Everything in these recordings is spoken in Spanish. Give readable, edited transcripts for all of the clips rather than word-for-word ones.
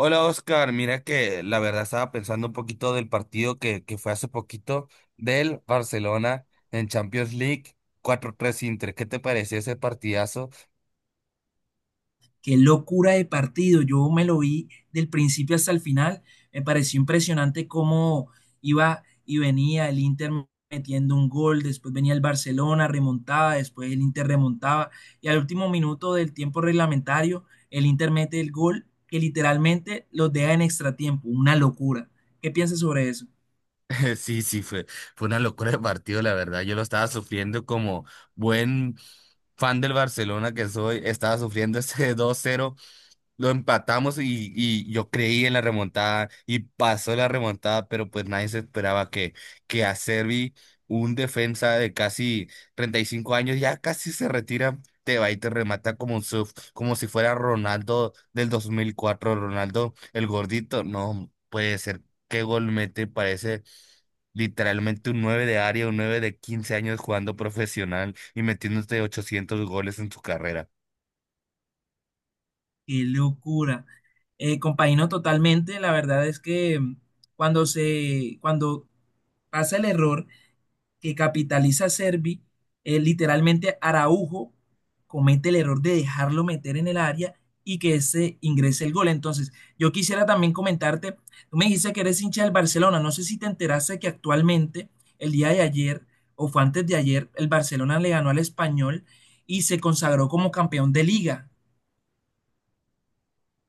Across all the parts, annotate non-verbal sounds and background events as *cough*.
Hola Oscar, mira que la verdad estaba pensando un poquito del partido que fue hace poquito del Barcelona en Champions League 4-3 Inter. ¿Qué te pareció ese partidazo? Qué locura de partido. Yo me lo vi del principio hasta el final. Me pareció impresionante cómo iba y venía el Inter metiendo un gol, después venía el Barcelona, remontaba, después el Inter remontaba y al último minuto del tiempo reglamentario el Inter mete el gol que literalmente los deja en extratiempo. Una locura. ¿Qué piensas sobre eso? *laughs* Sí, sí, fue una locura de partido, la verdad. Yo lo estaba sufriendo como buen fan del Barcelona que soy. Estaba sufriendo *laughs* ese 2-0. Lo empatamos y yo creí en la remontada y pasó la remontada, pero pues nadie se esperaba que a Servi, un defensa de casi 35 años, ya casi se retira, te va y te remata como un surf, como si fuera Ronaldo del 2004 Ronaldo el gordito. No puede ser, qué gol mete, parece literalmente un 9 de área, un 9 de 15 años jugando profesional y metiéndose 800 goles en su carrera. Qué locura. Compañero, totalmente. La verdad es que cuando pasa el error que capitaliza a Servi. Literalmente Araujo comete el error de dejarlo meter en el área y que ese ingrese el gol. Entonces, yo quisiera también comentarte, tú me dijiste que eres hincha del Barcelona, no sé si te enteraste que actualmente, el día de ayer o fue antes de ayer, el Barcelona le ganó al Español y se consagró como campeón de liga.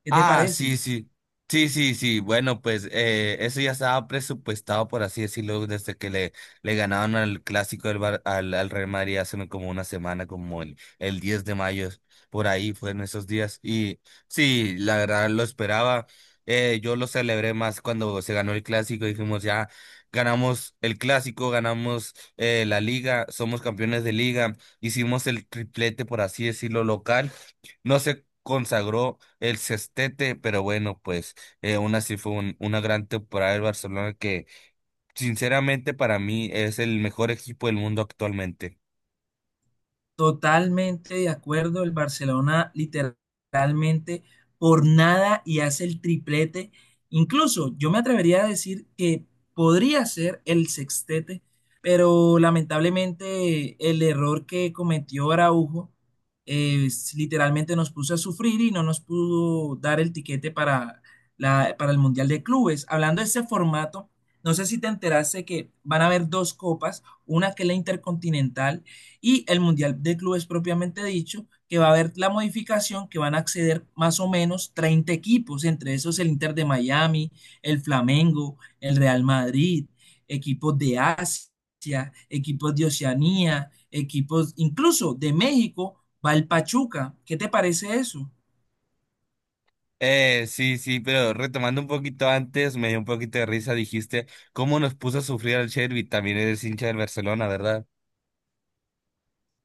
¿Qué te Ah, parece? sí, sí. Sí, sí, sí. Bueno, pues eso ya estaba presupuestado, por así decirlo, desde que le ganaron al clásico del al Real Madrid hace como una semana, como el 10 de mayo, por ahí fueron esos días. Y sí, la verdad lo esperaba. Yo lo celebré más cuando se ganó el clásico. Dijimos, ya ganamos el clásico, ganamos la liga, somos campeones de liga, hicimos el triplete, por así decirlo, local. No se consagró el sextete, pero bueno, pues aún así fue una gran temporada del Barcelona que sinceramente para mí es el mejor equipo del mundo actualmente. Totalmente de acuerdo, el Barcelona literalmente por nada y hace el triplete. Incluso yo me atrevería a decir que podría ser el sextete, pero lamentablemente el error que cometió Araujo, literalmente nos puso a sufrir y no nos pudo dar el tiquete para el Mundial de Clubes. Hablando de ese formato, no sé si te enteraste que van a haber dos copas, una que es la Intercontinental y el Mundial de Clubes propiamente dicho, que va a haber la modificación que van a acceder más o menos 30 equipos, entre esos el Inter de Miami, el Flamengo, el Real Madrid, equipos de Asia, equipos de Oceanía, equipos incluso de México, va el Pachuca. ¿Qué te parece eso? Sí, sí, pero retomando un poquito antes, me dio un poquito de risa, dijiste cómo nos puso a sufrir al Chervi, también eres hincha del Barcelona, ¿verdad?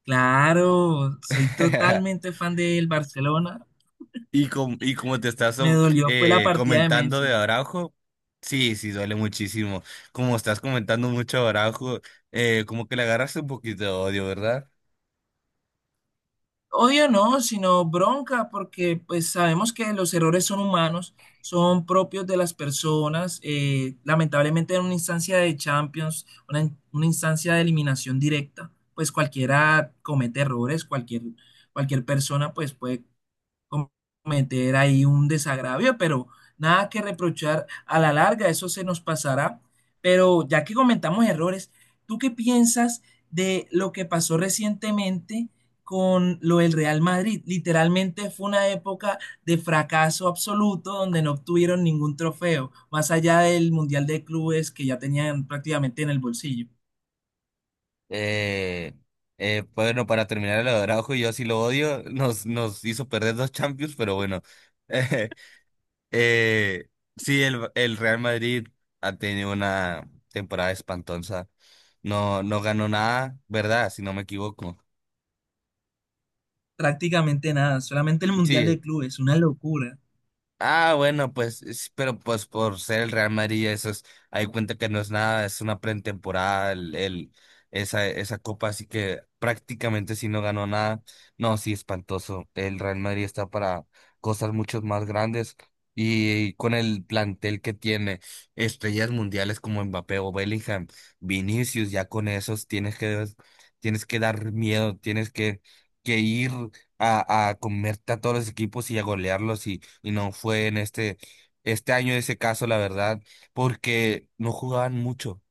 Claro, soy *laughs* totalmente fan del Barcelona. Y, como te estás Me dolió, fue la partida de comentando de Messi. Araujo, sí, sí, duele muchísimo. Como estás comentando mucho de Araujo, como que le agarraste un poquito de odio, ¿verdad? Odio no, sino bronca, porque pues sabemos que los errores son humanos, son propios de las personas. Eh, lamentablemente en una instancia de Champions, una instancia de eliminación directa, pues cualquiera comete errores, cualquier persona pues puede cometer ahí un desagravio, pero nada que reprochar a la larga, eso se nos pasará. Pero ya que comentamos errores, ¿tú qué piensas de lo que pasó recientemente con lo del Real Madrid? Literalmente fue una época de fracaso absoluto donde no obtuvieron ningún trofeo, más allá del Mundial de Clubes que ya tenían prácticamente en el bolsillo. Eh, bueno, para terminar el de Araujo, yo sí lo odio, nos hizo perder dos Champions, pero bueno. *laughs* Eh, eh, sí, el Real Madrid ha tenido una temporada espantosa. No, no ganó nada, ¿verdad? Si no me equivoco. Prácticamente nada, solamente el Mundial Sí, de Clubes, una locura. ah, bueno, pues, pero pues por ser el Real Madrid, eso es, hay cuenta que no es nada, es una pretemporada, esa copa, así que prácticamente si no ganó nada, no, sí, espantoso. El Real Madrid está para cosas mucho más grandes y, con el plantel que tiene, estrellas mundiales como Mbappé o Bellingham, Vinicius, ya con esos tienes que dar miedo, tienes que ir a comerte a todos los equipos y a golearlos y no fue en este año ese caso, la verdad, porque no jugaban mucho.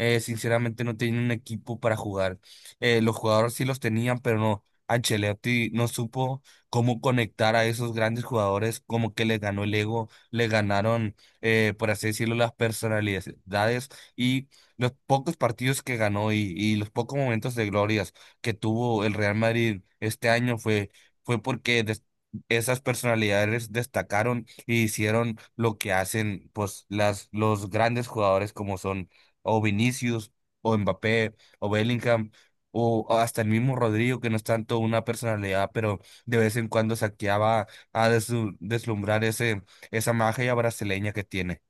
Sinceramente no tenían un equipo para jugar. Los jugadores sí los tenían, pero no. Ancelotti no supo cómo conectar a esos grandes jugadores, como que les ganó el ego, le ganaron, por así decirlo, las personalidades y los pocos partidos que ganó y los pocos momentos de glorias que tuvo el Real Madrid este año fue porque esas personalidades destacaron y hicieron lo que hacen pues las los grandes jugadores como son o Vinicius o Mbappé o Bellingham o hasta el mismo Rodrigo que no es tanto una personalidad, pero de vez en cuando saqueaba a deslumbrar ese esa magia brasileña que tiene.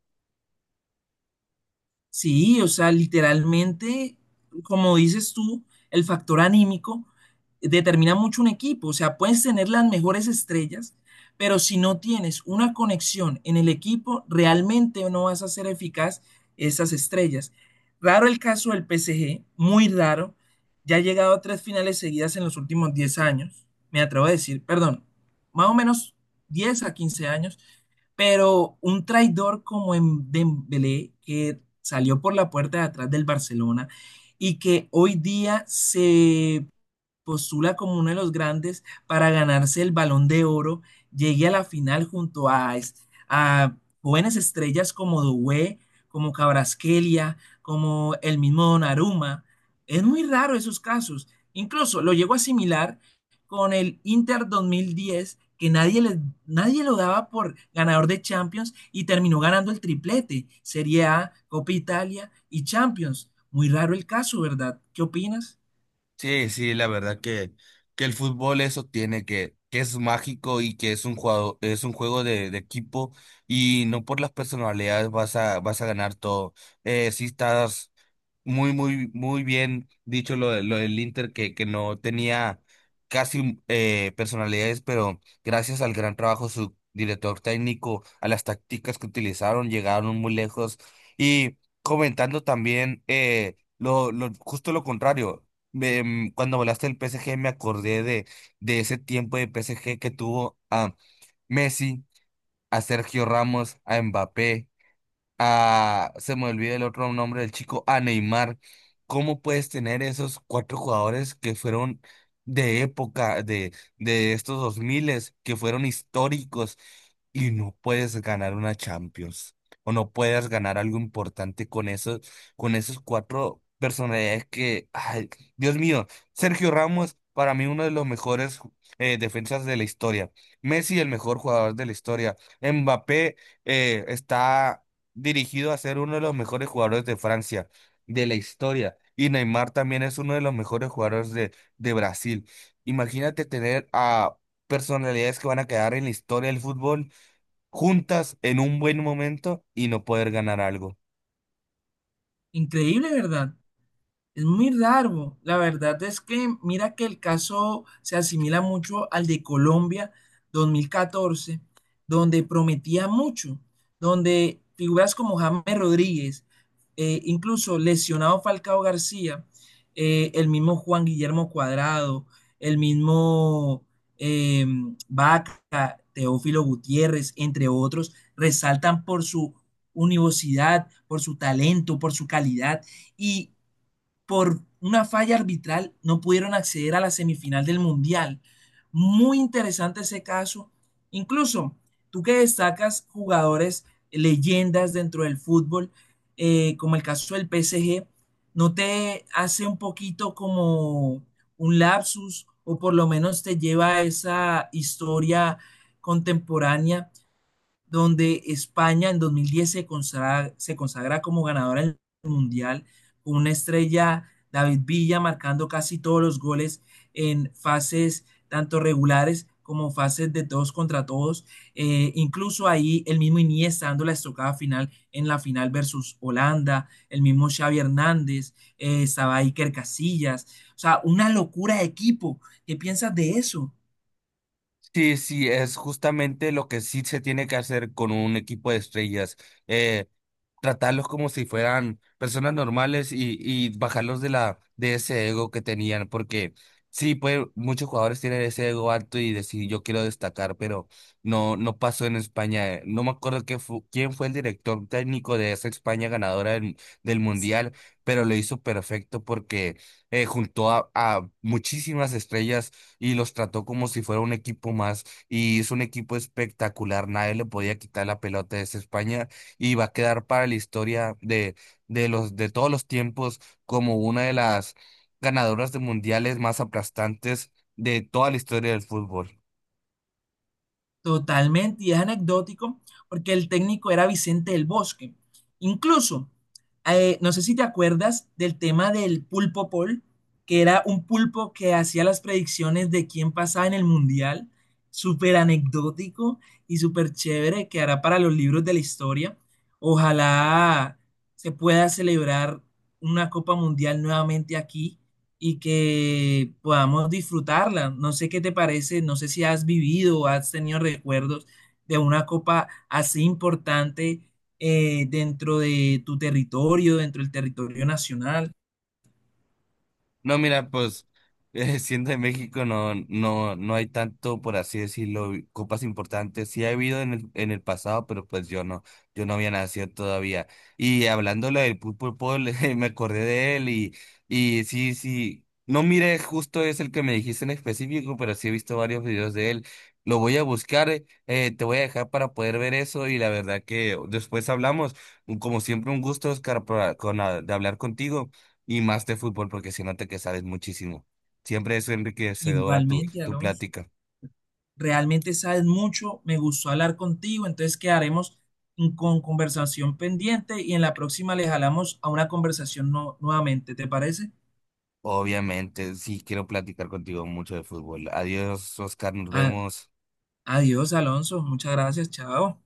Sí, o sea, literalmente, como dices tú, el factor anímico determina mucho un equipo. O sea, puedes tener las mejores estrellas, pero si no tienes una conexión en el equipo, realmente no vas a ser eficaz esas estrellas. Raro el caso del PSG, muy raro. Ya ha llegado a tres finales seguidas en los últimos 10 años, me atrevo a decir, perdón, más o menos 10 a 15 años. Pero un traidor como en Dembélé, que salió por la puerta de atrás del Barcelona y que hoy día se postula como uno de los grandes para ganarse el Balón de Oro, llegue a la final junto a jóvenes estrellas como Doué, como Cabrasquelia, como el mismo Donnarumma. Es muy raro esos casos. Incluso lo llego a asimilar con el Inter 2010, que nadie lo daba por ganador de Champions y terminó ganando el triplete, Serie A, Copa Italia y Champions. Muy raro el caso, ¿verdad? ¿Qué opinas? Sí, sí, la verdad que el fútbol eso tiene que es mágico y que es un juego de equipo y no por las personalidades vas a ganar todo. Sí estás muy, muy, muy bien dicho lo del Inter que no tenía casi personalidades, pero gracias al gran trabajo de su director técnico, a las tácticas que utilizaron, llegaron muy lejos. Y comentando también justo lo contrario cuando volaste el PSG me acordé de ese tiempo de PSG que tuvo a Messi, a Sergio Ramos, a Mbappé a, se me olvida el otro nombre del chico, a Neymar. ¿Cómo puedes tener esos cuatro jugadores que fueron de época, de estos dos miles, que fueron históricos y no puedes ganar una Champions? O no puedes ganar algo importante con esos cuatro personalidades que, ay, Dios mío, Sergio Ramos, para mí uno de los mejores defensas de la historia. Messi, el mejor jugador de la historia. Mbappé está dirigido a ser uno de los mejores jugadores de Francia, de la historia. Y Neymar también es uno de los mejores jugadores de Brasil. Imagínate tener a personalidades que van a quedar en la historia del fútbol juntas en un buen momento y no poder ganar algo. Increíble, ¿verdad? Es muy raro. La verdad es que mira que el caso se asimila mucho al de Colombia 2014, donde prometía mucho, donde figuras como James Rodríguez, incluso lesionado Falcao García, el mismo Juan Guillermo Cuadrado, el mismo, eh, Vaca, Teófilo Gutiérrez, entre otros, resaltan por su universidad, por su talento, por su calidad y por una falla arbitral no pudieron acceder a la semifinal del Mundial. Muy interesante ese caso. Incluso tú que destacas jugadores, leyendas dentro del fútbol, como el caso del PSG, ¿no te hace un poquito como un lapsus o por lo menos te lleva a esa historia contemporánea donde España en 2010 se consagra como ganadora del Mundial, con una estrella David Villa marcando casi todos los goles en fases tanto regulares como fases de todos contra todos. Incluso ahí el mismo Iniesta dando la estocada final en la final versus Holanda, el mismo Xavi Hernández, estaba Iker Casillas. O sea, una locura de equipo. ¿Qué piensas de eso? Sí, sí, es justamente lo que sí se tiene que hacer con un equipo de estrellas. Eh, Tratarlos como si fueran personas normales y bajarlos de de ese ego que tenían, porque sí, pues muchos jugadores tienen ese ego alto y decir yo quiero destacar, pero no, no pasó en España. No me acuerdo quién fue el director técnico de esa España ganadora del Mundial, pero lo hizo perfecto porque juntó a muchísimas estrellas y los trató como si fuera un equipo más y hizo un equipo espectacular. Nadie le podía quitar la pelota de esa España y va a quedar para la historia de todos los tiempos como una de las ganadoras de mundiales más aplastantes de toda la historia del fútbol. Totalmente, y es anecdótico porque el técnico era Vicente del Bosque. Incluso, no sé si te acuerdas del tema del pulpo Paul, que era un pulpo que hacía las predicciones de quién pasaba en el mundial, súper anecdótico y súper chévere, que hará para los libros de la historia. Ojalá se pueda celebrar una Copa Mundial nuevamente aquí y que podamos disfrutarla. No sé qué te parece, no sé si has vivido o has tenido recuerdos de una copa así importante, dentro de tu territorio, dentro del territorio nacional. No, mira, pues *laughs* siendo de México no, no, no hay tanto, por así decirlo, copas importantes. Sí ha habido en el pasado, pero pues yo no había nacido todavía. Y hablándole del Pulpo Paul, *laughs* me acordé de él y sí, sí, no miré justo es el que me dijiste en específico, pero sí he visto varios videos de él. Lo voy a buscar, te voy a dejar para poder ver eso y la verdad que después hablamos. Como siempre, un gusto, Oscar, de hablar contigo y más de fútbol porque siento que sabes muchísimo. Siempre es enriquecedora Igualmente, tu Alonso, plática. realmente sabes mucho, me gustó hablar contigo, entonces quedaremos con conversación pendiente y en la próxima le jalamos a una conversación nuevamente, ¿te parece? Obviamente, sí quiero platicar contigo mucho de fútbol. Adiós, Oscar, nos A- vemos. Adiós, Alonso, muchas gracias, chao.